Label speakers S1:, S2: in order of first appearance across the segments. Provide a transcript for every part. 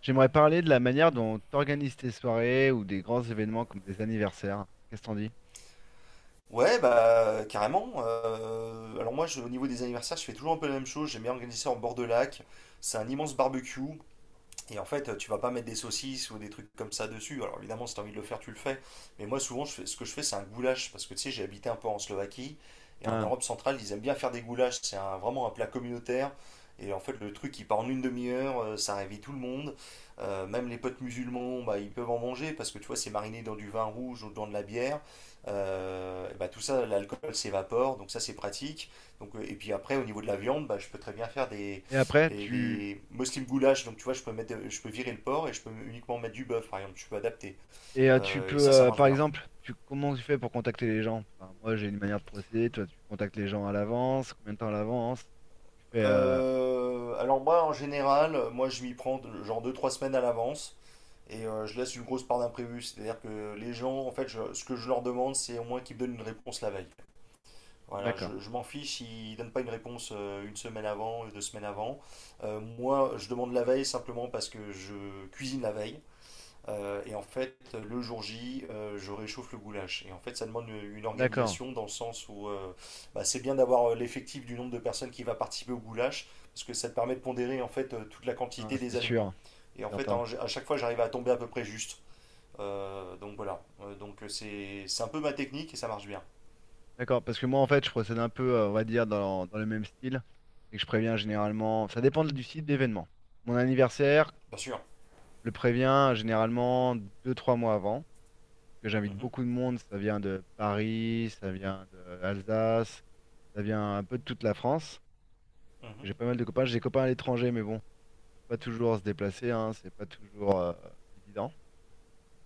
S1: J'aimerais parler de la manière dont tu organises tes soirées ou des grands événements comme des anniversaires. Qu'est-ce que t'en dis?
S2: Ouais, bah carrément. Alors moi, au niveau des anniversaires, je fais toujours un peu la même chose. J'aime bien organiser ça en bord de lac. C'est un immense barbecue. Et en fait, tu vas pas mettre des saucisses ou des trucs comme ça dessus. Alors évidemment, si tu as envie de le faire, tu le fais. Mais moi, souvent, ce que je fais, c'est un goulash. Parce que tu sais, j'ai habité un peu en Slovaquie. Et en
S1: Ah.
S2: Europe centrale, ils aiment bien faire des goulash. C'est vraiment un plat communautaire. Et en fait, le truc, il part en une demi-heure. Ça réveille tout le monde. Même les potes musulmans, bah, ils peuvent en manger. Parce que tu vois, c'est mariné dans du vin rouge ou dans de la bière. Bah, tout ça, l'alcool s'évapore. Donc ça, c'est pratique. Donc, et puis après, au niveau de la viande, bah, je peux très bien faire des
S1: Et après,
S2: et
S1: tu
S2: les Muslim goulash, donc tu vois, je peux mettre, je peux virer le porc et je peux uniquement mettre du bœuf, par exemple, je peux adapter.
S1: tu
S2: Et
S1: peux,
S2: ça marche
S1: par
S2: bien.
S1: exemple, tu comment tu fais pour contacter les gens? Enfin, moi, j'ai une manière de procéder. Toi, tu contactes les gens à l'avance. Combien de temps à l'avance? Tu fais.
S2: Alors moi, en général, moi, je m'y prends genre 2, 3 semaines à l'avance et je laisse une grosse part d'imprévu. C'est-à-dire que les gens, en fait, ce que je leur demande, c'est au moins qu'ils me donnent une réponse la veille. Voilà,
S1: D'accord.
S2: je m'en fiche, ils donnent pas une réponse une semaine avant, 2 semaines avant. Moi, je demande la veille simplement parce que je cuisine la veille. Et en fait, le jour J, je réchauffe le goulash. Et en fait, ça demande une
S1: D'accord.
S2: organisation dans le sens où bah, c'est bien d'avoir l'effectif du nombre de personnes qui va participer au goulash, parce que ça te permet de pondérer en fait toute la
S1: Non,
S2: quantité
S1: c'est
S2: des aliments.
S1: sûr,
S2: Et
S1: c'est
S2: en fait,
S1: certain.
S2: à chaque fois, j'arrive à tomber à peu près juste. Donc voilà. Donc c'est un peu ma technique et ça marche bien.
S1: D'accord, parce que moi, en fait, je procède un peu, on va dire, dans le même style et que je préviens généralement. Ça dépend du site d'événement. Mon anniversaire,
S2: Bien sûr.
S1: je le préviens généralement deux trois mois avant, que j'invite
S2: Mhm,
S1: beaucoup de monde. Ça vient de Paris, ça vient d'Alsace, ça vient un peu de toute la France.
S2: mhm,
S1: J'ai pas mal de copains. J'ai des copains à l'étranger, mais bon, faut pas toujours se déplacer, hein, c'est pas toujours évident.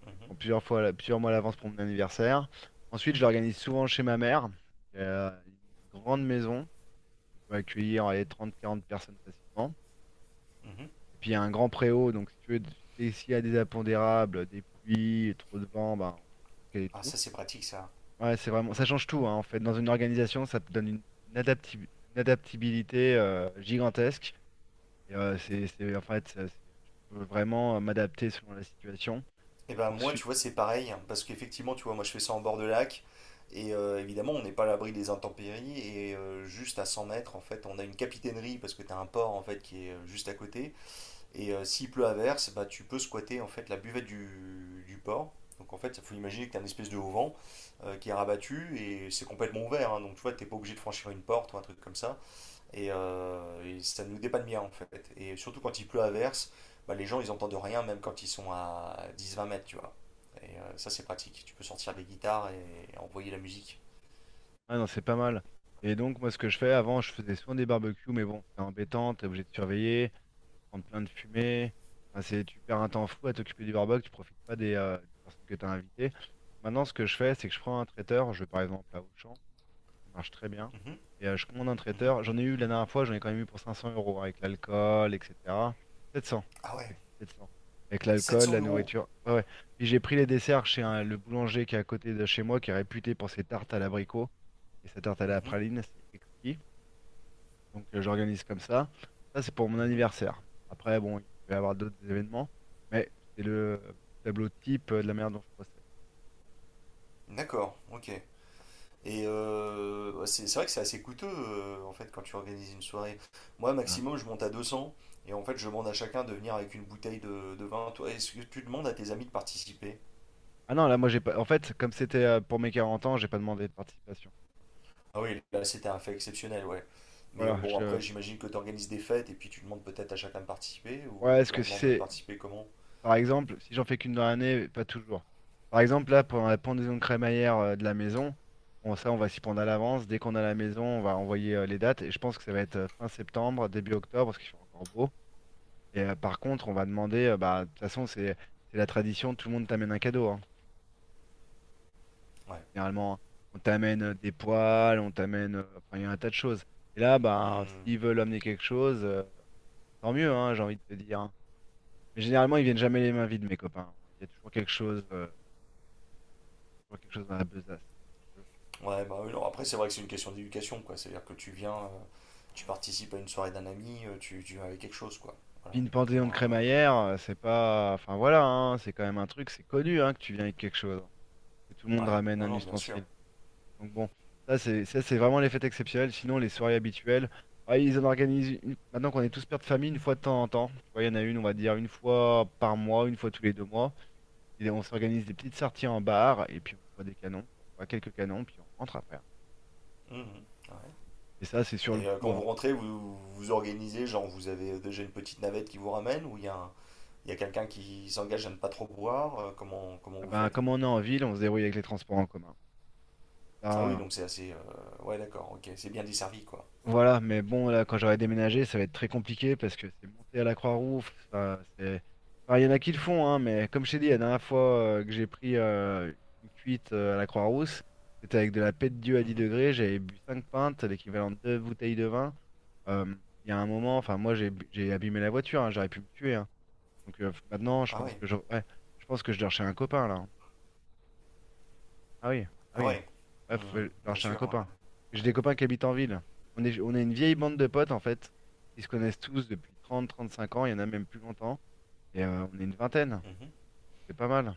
S1: Donc, je me
S2: mhm,
S1: prends plusieurs fois, plusieurs mois à l'avance pour mon anniversaire. Ensuite, je l'organise souvent chez ma mère, qui a une grande maison. On peut accueillir allez, 30-40 personnes facilement.
S2: mhm.
S1: Et puis, il y a un grand préau, donc si tu veux, s'il y a des impondérables, des pluies, trop de vent, ben, on peut le caler
S2: Ah,
S1: dessous.
S2: ça c'est pratique ça.
S1: Ouais, c'est vraiment, ça
S2: Mm.
S1: change tout, hein, en fait. Dans une organisation, ça te donne une adapti- une adaptabilité gigantesque. Et, c'est- je peux vraiment m'adapter selon la situation.
S2: Et ben moi, tu
S1: Ensuite,
S2: vois, c'est pareil, hein, parce qu'effectivement, tu vois, moi je fais ça en bord de lac, et évidemment, on n'est pas à l'abri des intempéries, et juste à 100 mètres, en fait, on a une capitainerie, parce que tu as un port, en fait, qui est juste à côté, et s'il pleut à verse, bah, tu peux squatter, en fait, la buvette du port. Donc en fait, il faut imaginer que tu as une espèce de haut vent qui est rabattu, et c'est complètement ouvert, hein, donc tu vois, tu n'es pas obligé de franchir une porte ou un truc comme ça. Et, ça nous dépanne bien en fait. Et surtout quand il pleut à verse, bah, les gens ils entendent rien même quand ils sont à 10, 20 mètres, tu vois. Et ça c'est pratique. Tu peux sortir des guitares et envoyer la musique.
S1: ah non, c'est pas mal. Et donc, moi, ce que je fais, avant, je faisais souvent des barbecues, mais bon, c'est embêtant, t'es obligé de surveiller, prendre plein de fumée. Enfin, c'est, tu perds un temps fou à t'occuper du barbecue, tu profites pas des personnes que t'as invitées. Maintenant, ce que je fais, c'est que je prends un traiteur, je vais par exemple à Auchan. Ça marche très bien.
S2: Mhm,
S1: Et je commande un
S2: mhm.
S1: traiteur. J'en ai eu la dernière fois, j'en ai quand même eu pour 500 euros avec l'alcool, etc. 700.
S2: Ah
S1: Je
S2: ouais,
S1: dis une bêtise, 700. Avec
S2: sept
S1: l'alcool,
S2: cents
S1: la
S2: euros.
S1: nourriture. Ouais, ouais. Puis j'ai pris les desserts chez le boulanger qui est à côté de chez moi, qui est réputé pour ses tartes à l'abricot et sa tarte à la
S2: Mhm,
S1: praline. C'est exquis. Donc j'organise comme ça. Ça, c'est pour mon
S2: mhm.
S1: anniversaire. Après, bon, il peut y avoir d'autres événements, mais c'est le tableau type de la manière dont je procède.
S2: D'accord, ok. Et bah, c'est vrai que c'est assez coûteux en fait quand tu organises une soirée. Moi
S1: Enfin,
S2: maximum je monte à 200 et en fait je demande à chacun de venir avec une bouteille de vin. Toi, est-ce que tu demandes à tes amis de participer?
S1: ah non, là, moi, j'ai pas. En fait, comme c'était pour mes 40 ans, j'ai pas demandé de participation.
S2: Ah oui, là c'était un fait exceptionnel, ouais. Mais
S1: Voilà,
S2: bon, après
S1: je...
S2: j'imagine que tu organises des fêtes et puis tu demandes peut-être à chacun de participer
S1: Ouais,
S2: ou
S1: est-ce
S2: tu
S1: que
S2: leur
S1: si
S2: demandes de
S1: c'est...
S2: participer comment?
S1: Par exemple, si j'en fais qu'une dans l'année, pas toujours. Par exemple, là, pendant la pendaison de crémaillère de la maison, bon, ça, on va s'y prendre à l'avance. Dès qu'on a la maison, on va envoyer les dates. Et je pense que ça va être fin septembre, début octobre, parce qu'il fait encore beau. Et par contre, on va demander... bah, de toute façon, c'est la tradition, tout le monde t'amène un cadeau, hein.
S2: Ouais.
S1: Généralement, on t'amène des poils, on t'amène... enfin, il y a un tas de choses. Et là, bah,
S2: Hmm.
S1: s'ils veulent amener quelque chose, tant mieux, hein, j'ai envie de te dire, hein. Mais généralement, ils viennent jamais les mains vides, mes copains. Il y a toujours quelque chose dans la besace, si tu veux.
S2: Ouais, bah oui, non, après c'est vrai que c'est une question d'éducation, quoi. C'est-à-dire que tu viens, tu participes à une soirée d'un ami, tu viens avec quelque chose, quoi.
S1: Puis
S2: Voilà.
S1: une
S2: Au
S1: panthéon de
S2: moins,
S1: crémaillère, c'est pas. Enfin voilà, hein, c'est quand même un truc, c'est connu hein, que tu viens avec quelque chose, hein, que tout le monde
S2: ouais.
S1: ramène
S2: Non,
S1: un
S2: non, bien sûr.
S1: ustensile. Donc bon, ça c'est vraiment les fêtes exceptionnelles. Sinon, les soirées habituelles, bah, ils en organisent maintenant qu'on est tous pères de famille, une fois de temps en temps. Tu vois, il y en a une, on va dire une fois par mois, une fois tous les 2 mois. Et on s'organise des petites sorties en bar et puis on boit des canons, quoi. On boit quelques canons, puis on rentre après, hein.
S2: Mhm. Ouais.
S1: Et ça, c'est sur le
S2: Et
S1: coup,
S2: quand vous
S1: hein.
S2: rentrez, vous vous organisez, genre vous avez déjà une petite navette qui vous ramène ou il y a il y a quelqu'un qui s'engage à ne pas trop boire, comment
S1: Ah
S2: vous
S1: ben,
S2: faites?
S1: comme on est en ville, on se débrouille avec les transports en commun.
S2: Ah
S1: Là,
S2: oui, donc c'est assez. Ouais, d'accord, ok. C'est bien desservi, quoi.
S1: voilà, mais bon, là, quand j'aurai déménagé, ça va être très compliqué parce que c'est monter à la Croix-Rouge, ça, c'est... Enfin, il y en a qui le font, hein, mais comme je t'ai dit, la dernière fois que j'ai pris une cuite à la Croix-Rousse, c'était avec de la paix de Dieu à 10
S2: Mhm.
S1: degrés, j'avais bu 5 pintes, l'équivalent de 2 bouteilles de vin. Euh, Il y a un moment, enfin, moi, j'ai abîmé la voiture, hein, j'aurais pu me tuer, hein. Donc maintenant, je
S2: Ah
S1: pense
S2: ouais,
S1: que je... ouais, je pense que je dors chez un copain, là, hein. Ah oui, ah
S2: ah
S1: oui.
S2: ouais.
S1: Bref,
S2: Mhm.
S1: genre
S2: Bien
S1: chez un
S2: sûr,
S1: copain.
S2: ouais.
S1: J'ai des
S2: Ouais,
S1: copains qui habitent en ville. On est une vieille bande de potes, en fait, qui se connaissent tous depuis 30, 35 ans. Il y en a même plus longtemps. Et on est une vingtaine.
S2: mhm.
S1: C'est pas mal.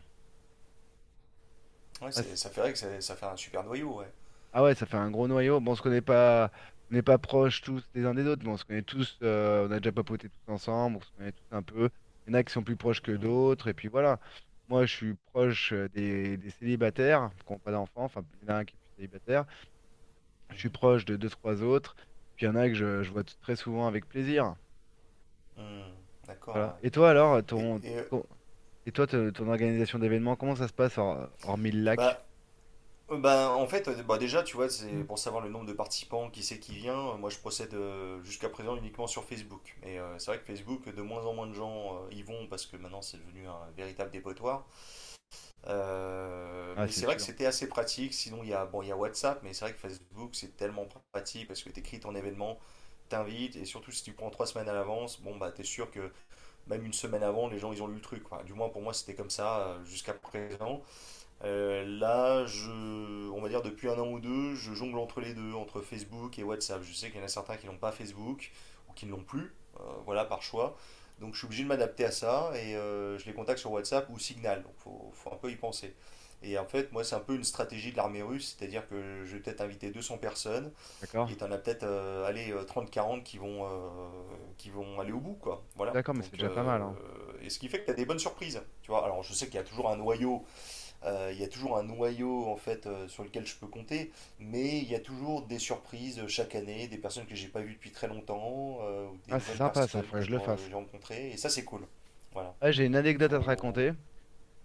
S2: Ouais,
S1: Ouais,
S2: c'est, ça fait vrai que ça fait un super noyau, ouais.
S1: ah ouais, ça fait un gros noyau. Bon, on se connaît pas, on n'est pas proches tous les uns des autres, mais on se connaît tous. On a déjà papoté tous ensemble. On se connaît tous un peu. Il y en a qui sont plus proches que
S2: Mhm.
S1: d'autres. Et puis voilà. Moi, je suis proche des célibataires qui n'ont pas d'enfants. Enfin, il y en a un qui est plus célibataire. Je suis
S2: Mhm.
S1: proche de deux, trois autres. Puis il y en a que je vois très souvent avec plaisir.
S2: Mhm. D'accord,
S1: Voilà. Et toi alors,
S2: ouais. Et,
S1: ton- et toi, ton organisation d'événements, comment ça se passe hormis le lac?
S2: bah, bah, en fait, bah, déjà, tu vois, c'est pour savoir le nombre de participants, qui c'est qui vient. Moi, je procède jusqu'à présent uniquement sur Facebook. Et c'est vrai que Facebook, de moins en moins de gens y vont parce que maintenant, c'est devenu un véritable dépotoir. Euh,
S1: Ah,
S2: mais
S1: c'est
S2: c'est vrai que
S1: sûr.
S2: c'était assez pratique. Sinon, il y a, bon, il y a WhatsApp, mais c'est vrai que Facebook, c'est tellement pratique parce que tu écris ton événement, t'invites, et surtout si tu prends 3 semaines à l'avance, bon, bah, t'es sûr que même une semaine avant, les gens, ils ont lu le truc, quoi. Du moins, pour moi, c'était comme ça jusqu'à présent. Là, on va dire depuis un an ou deux, je jongle entre les deux, entre Facebook et WhatsApp. Je sais qu'il y en a certains qui n'ont pas Facebook ou qui ne l'ont plus, voilà, par choix. Donc je suis obligé de m'adapter à ça et je les contacte sur WhatsApp ou Signal. Donc faut un peu y penser. Et en fait, moi, c'est un peu une stratégie de l'armée russe, c'est-à-dire que je vais peut-être inviter 200 personnes
S1: D'accord.
S2: et t'en as peut-être allez, 30-40 qui vont aller au bout quoi. Voilà.
S1: D'accord, mais c'est
S2: Donc,
S1: déjà pas mal, hein.
S2: et ce qui fait que tu as des bonnes surprises, tu vois. Alors, je sais qu'il y a toujours un noyau en fait sur lequel je peux compter, mais il y a toujours des surprises chaque année, des personnes que j'ai pas vues depuis très longtemps, ou des
S1: Ah, c'est
S2: nouvelles
S1: sympa, ça,
S2: personnes que
S1: faudrait que
S2: je
S1: je le fasse.
S2: j'ai rencontrées, et ça c'est cool. Voilà.
S1: Ah, j'ai une anecdote à te
S2: Faut.
S1: raconter.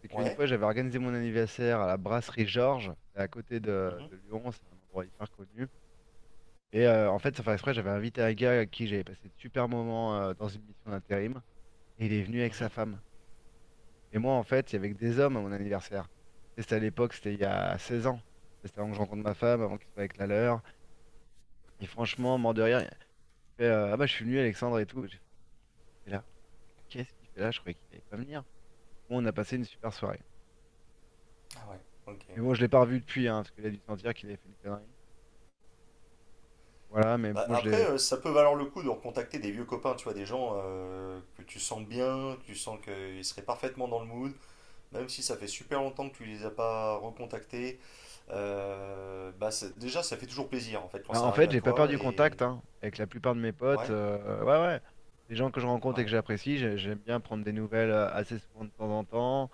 S1: C'est qu'une
S2: Ouais.
S1: fois, j'avais organisé mon anniversaire à la brasserie Georges, c'est à côté
S2: Mhm,
S1: de Lyon, c'est un endroit hyper connu. Et en fait, sans faire exprès, j'avais invité un gars à qui j'avais passé de super moments dans une mission d'intérim. Et il est venu avec sa
S2: mhm.
S1: femme. Et moi, en fait, il y avait que des hommes à mon anniversaire. Et c'était à l'époque, c'était il y a 16 ans. C'était avant que je rencontre ma femme, avant qu'il soit avec la leur. Et franchement, mort de rire, il fait ah bah, je suis venu, Alexandre et tout. J'ai fait, il est là. Qu'est-ce qu'il fait là? Je croyais qu'il allait pas venir. Bon, on a passé une super soirée.
S2: Ah ouais. Ok.
S1: Mais bon, je l'ai pas revu depuis, hein, parce qu'il a dû sentir qu'il avait fait une connerie. Voilà, mais
S2: Bah,
S1: moi, je
S2: après,
S1: l'ai.
S2: ça peut valoir le coup de recontacter des vieux copains, tu vois, des gens que tu sens bien, tu sens qu'ils seraient parfaitement dans le mood, même si ça fait super longtemps que tu les as pas recontactés. Bah, déjà, ça fait toujours plaisir en fait quand
S1: Bah,
S2: ça
S1: en
S2: arrive
S1: fait,
S2: à
S1: j'ai pas
S2: toi
S1: perdu
S2: et
S1: contact hein, avec la plupart de mes potes.
S2: ouais,
S1: Ouais, ouais. Les gens que je rencontre et que
S2: ouais.
S1: j'apprécie, j'aime bien prendre des nouvelles assez souvent de temps en temps.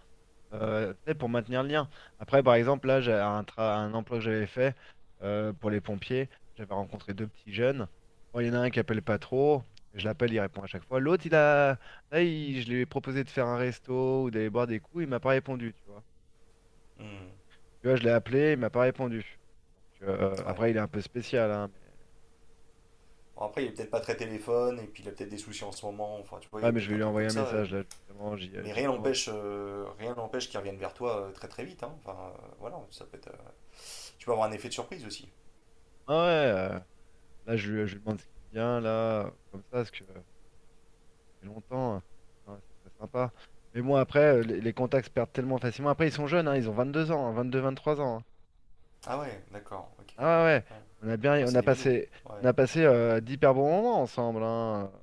S1: Tu sais, pour maintenir le lien. Après, par exemple, là, j'ai un emploi que j'avais fait pour les pompiers. J'avais rencontré deux petits jeunes. Bon, il y en a un qui appelle pas trop. Je l'appelle, il répond à chaque fois. L'autre, il a... Là, je lui ai proposé de faire un resto ou d'aller boire des coups. Il m'a pas répondu, tu vois.
S2: Hmm,
S1: Tu vois, je l'ai appelé, il m'a pas répondu. Donc,
S2: ouais.
S1: après, il est un peu spécial, hein, mais...
S2: Bon, après, il est peut-être pas très téléphone, et puis il a peut-être des soucis en ce moment, enfin, tu vois, il y
S1: Ouais,
S2: a
S1: mais je
S2: peut-être
S1: vais
S2: un
S1: lui
S2: truc
S1: envoyer
S2: comme
S1: un
S2: ça.
S1: message, là, justement,
S2: Mais
S1: j'y
S2: rien
S1: pense.
S2: n'empêche, qu'il revienne vers toi très très vite, hein. Enfin, voilà, ça peut être. Tu peux avoir un effet de surprise aussi.
S1: Ah ouais, là, je lui demande ce qu'il vient, là, comme ça, parce que... fait longtemps, hein. Ah, ça serait sympa. Mais bon, après, les contacts se perdent tellement facilement. Après, ils sont jeunes, hein, ils ont 22 ans, hein, 22, 23 ans, hein.
S2: Ah ouais, d'accord, ok, ouais.
S1: Ah ouais, ouais.
S2: Ouais,
S1: On a
S2: ouais,
S1: bien, on
S2: c'est
S1: a
S2: des minous.
S1: passé, on
S2: Ouais,
S1: a passé d'hyper bons moments ensemble, hein,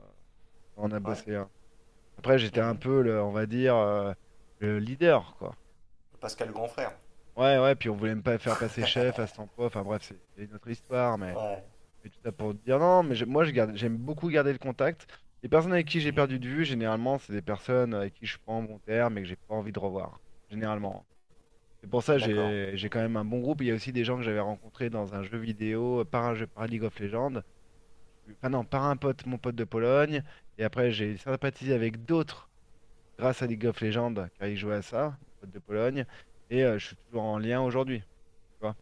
S1: quand on a
S2: ouais.
S1: bossé, hein. Après, j'étais un
S2: Hmm.
S1: peu, on va dire, le leader, quoi.
S2: Pascal le grand frère.
S1: Ouais, ouais. Puis on voulait me pas faire passer chef à cet emploi. Enfin bref, c'est une autre histoire, mais.
S2: Ouais.
S1: Mais tout ça pour dire non, mais moi je garde, j'aime beaucoup garder le contact. Les personnes avec qui j'ai
S2: Mhm.
S1: perdu de vue, généralement, c'est des personnes avec qui je suis pas en bon terme et que j'ai pas envie de revoir. Généralement. C'est pour ça que
S2: D'accord,
S1: j'ai quand
S2: ok.
S1: même un bon groupe. Il y a aussi des gens que j'avais rencontrés dans un jeu vidéo, par un jeu, par League of Legends. Enfin non, par un pote, mon pote de Pologne. Et après, j'ai sympathisé avec d'autres grâce à League of Legends, car ils jouaient à ça, mon pote de Pologne. Et je suis toujours en lien aujourd'hui. Tu vois,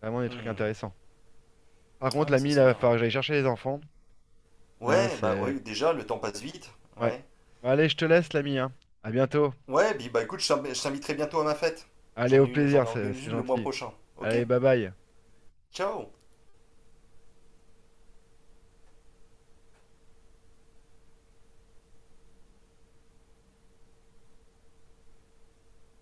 S1: vraiment des trucs
S2: Hmm.
S1: intéressants. Par contre,
S2: Ouais, ça
S1: l'ami, là,
S2: c'est
S1: il va
S2: bien,
S1: falloir
S2: ouais.
S1: que j'aille chercher les enfants. Là,
S2: Ouais, bah
S1: c'est.
S2: oui, déjà, le temps passe vite.
S1: Ouais.
S2: Ouais.
S1: Bon, allez, je te laisse, l'ami, hein. À bientôt.
S2: Ouais, bah écoute, je t'inviterai bientôt à ma fête.
S1: Allez,
S2: J'en ai
S1: au
S2: une, j'en
S1: plaisir, c'est
S2: organise
S1: c'est
S2: une le mois
S1: gentil.
S2: prochain. Ok?
S1: Allez, bye bye.
S2: Ciao!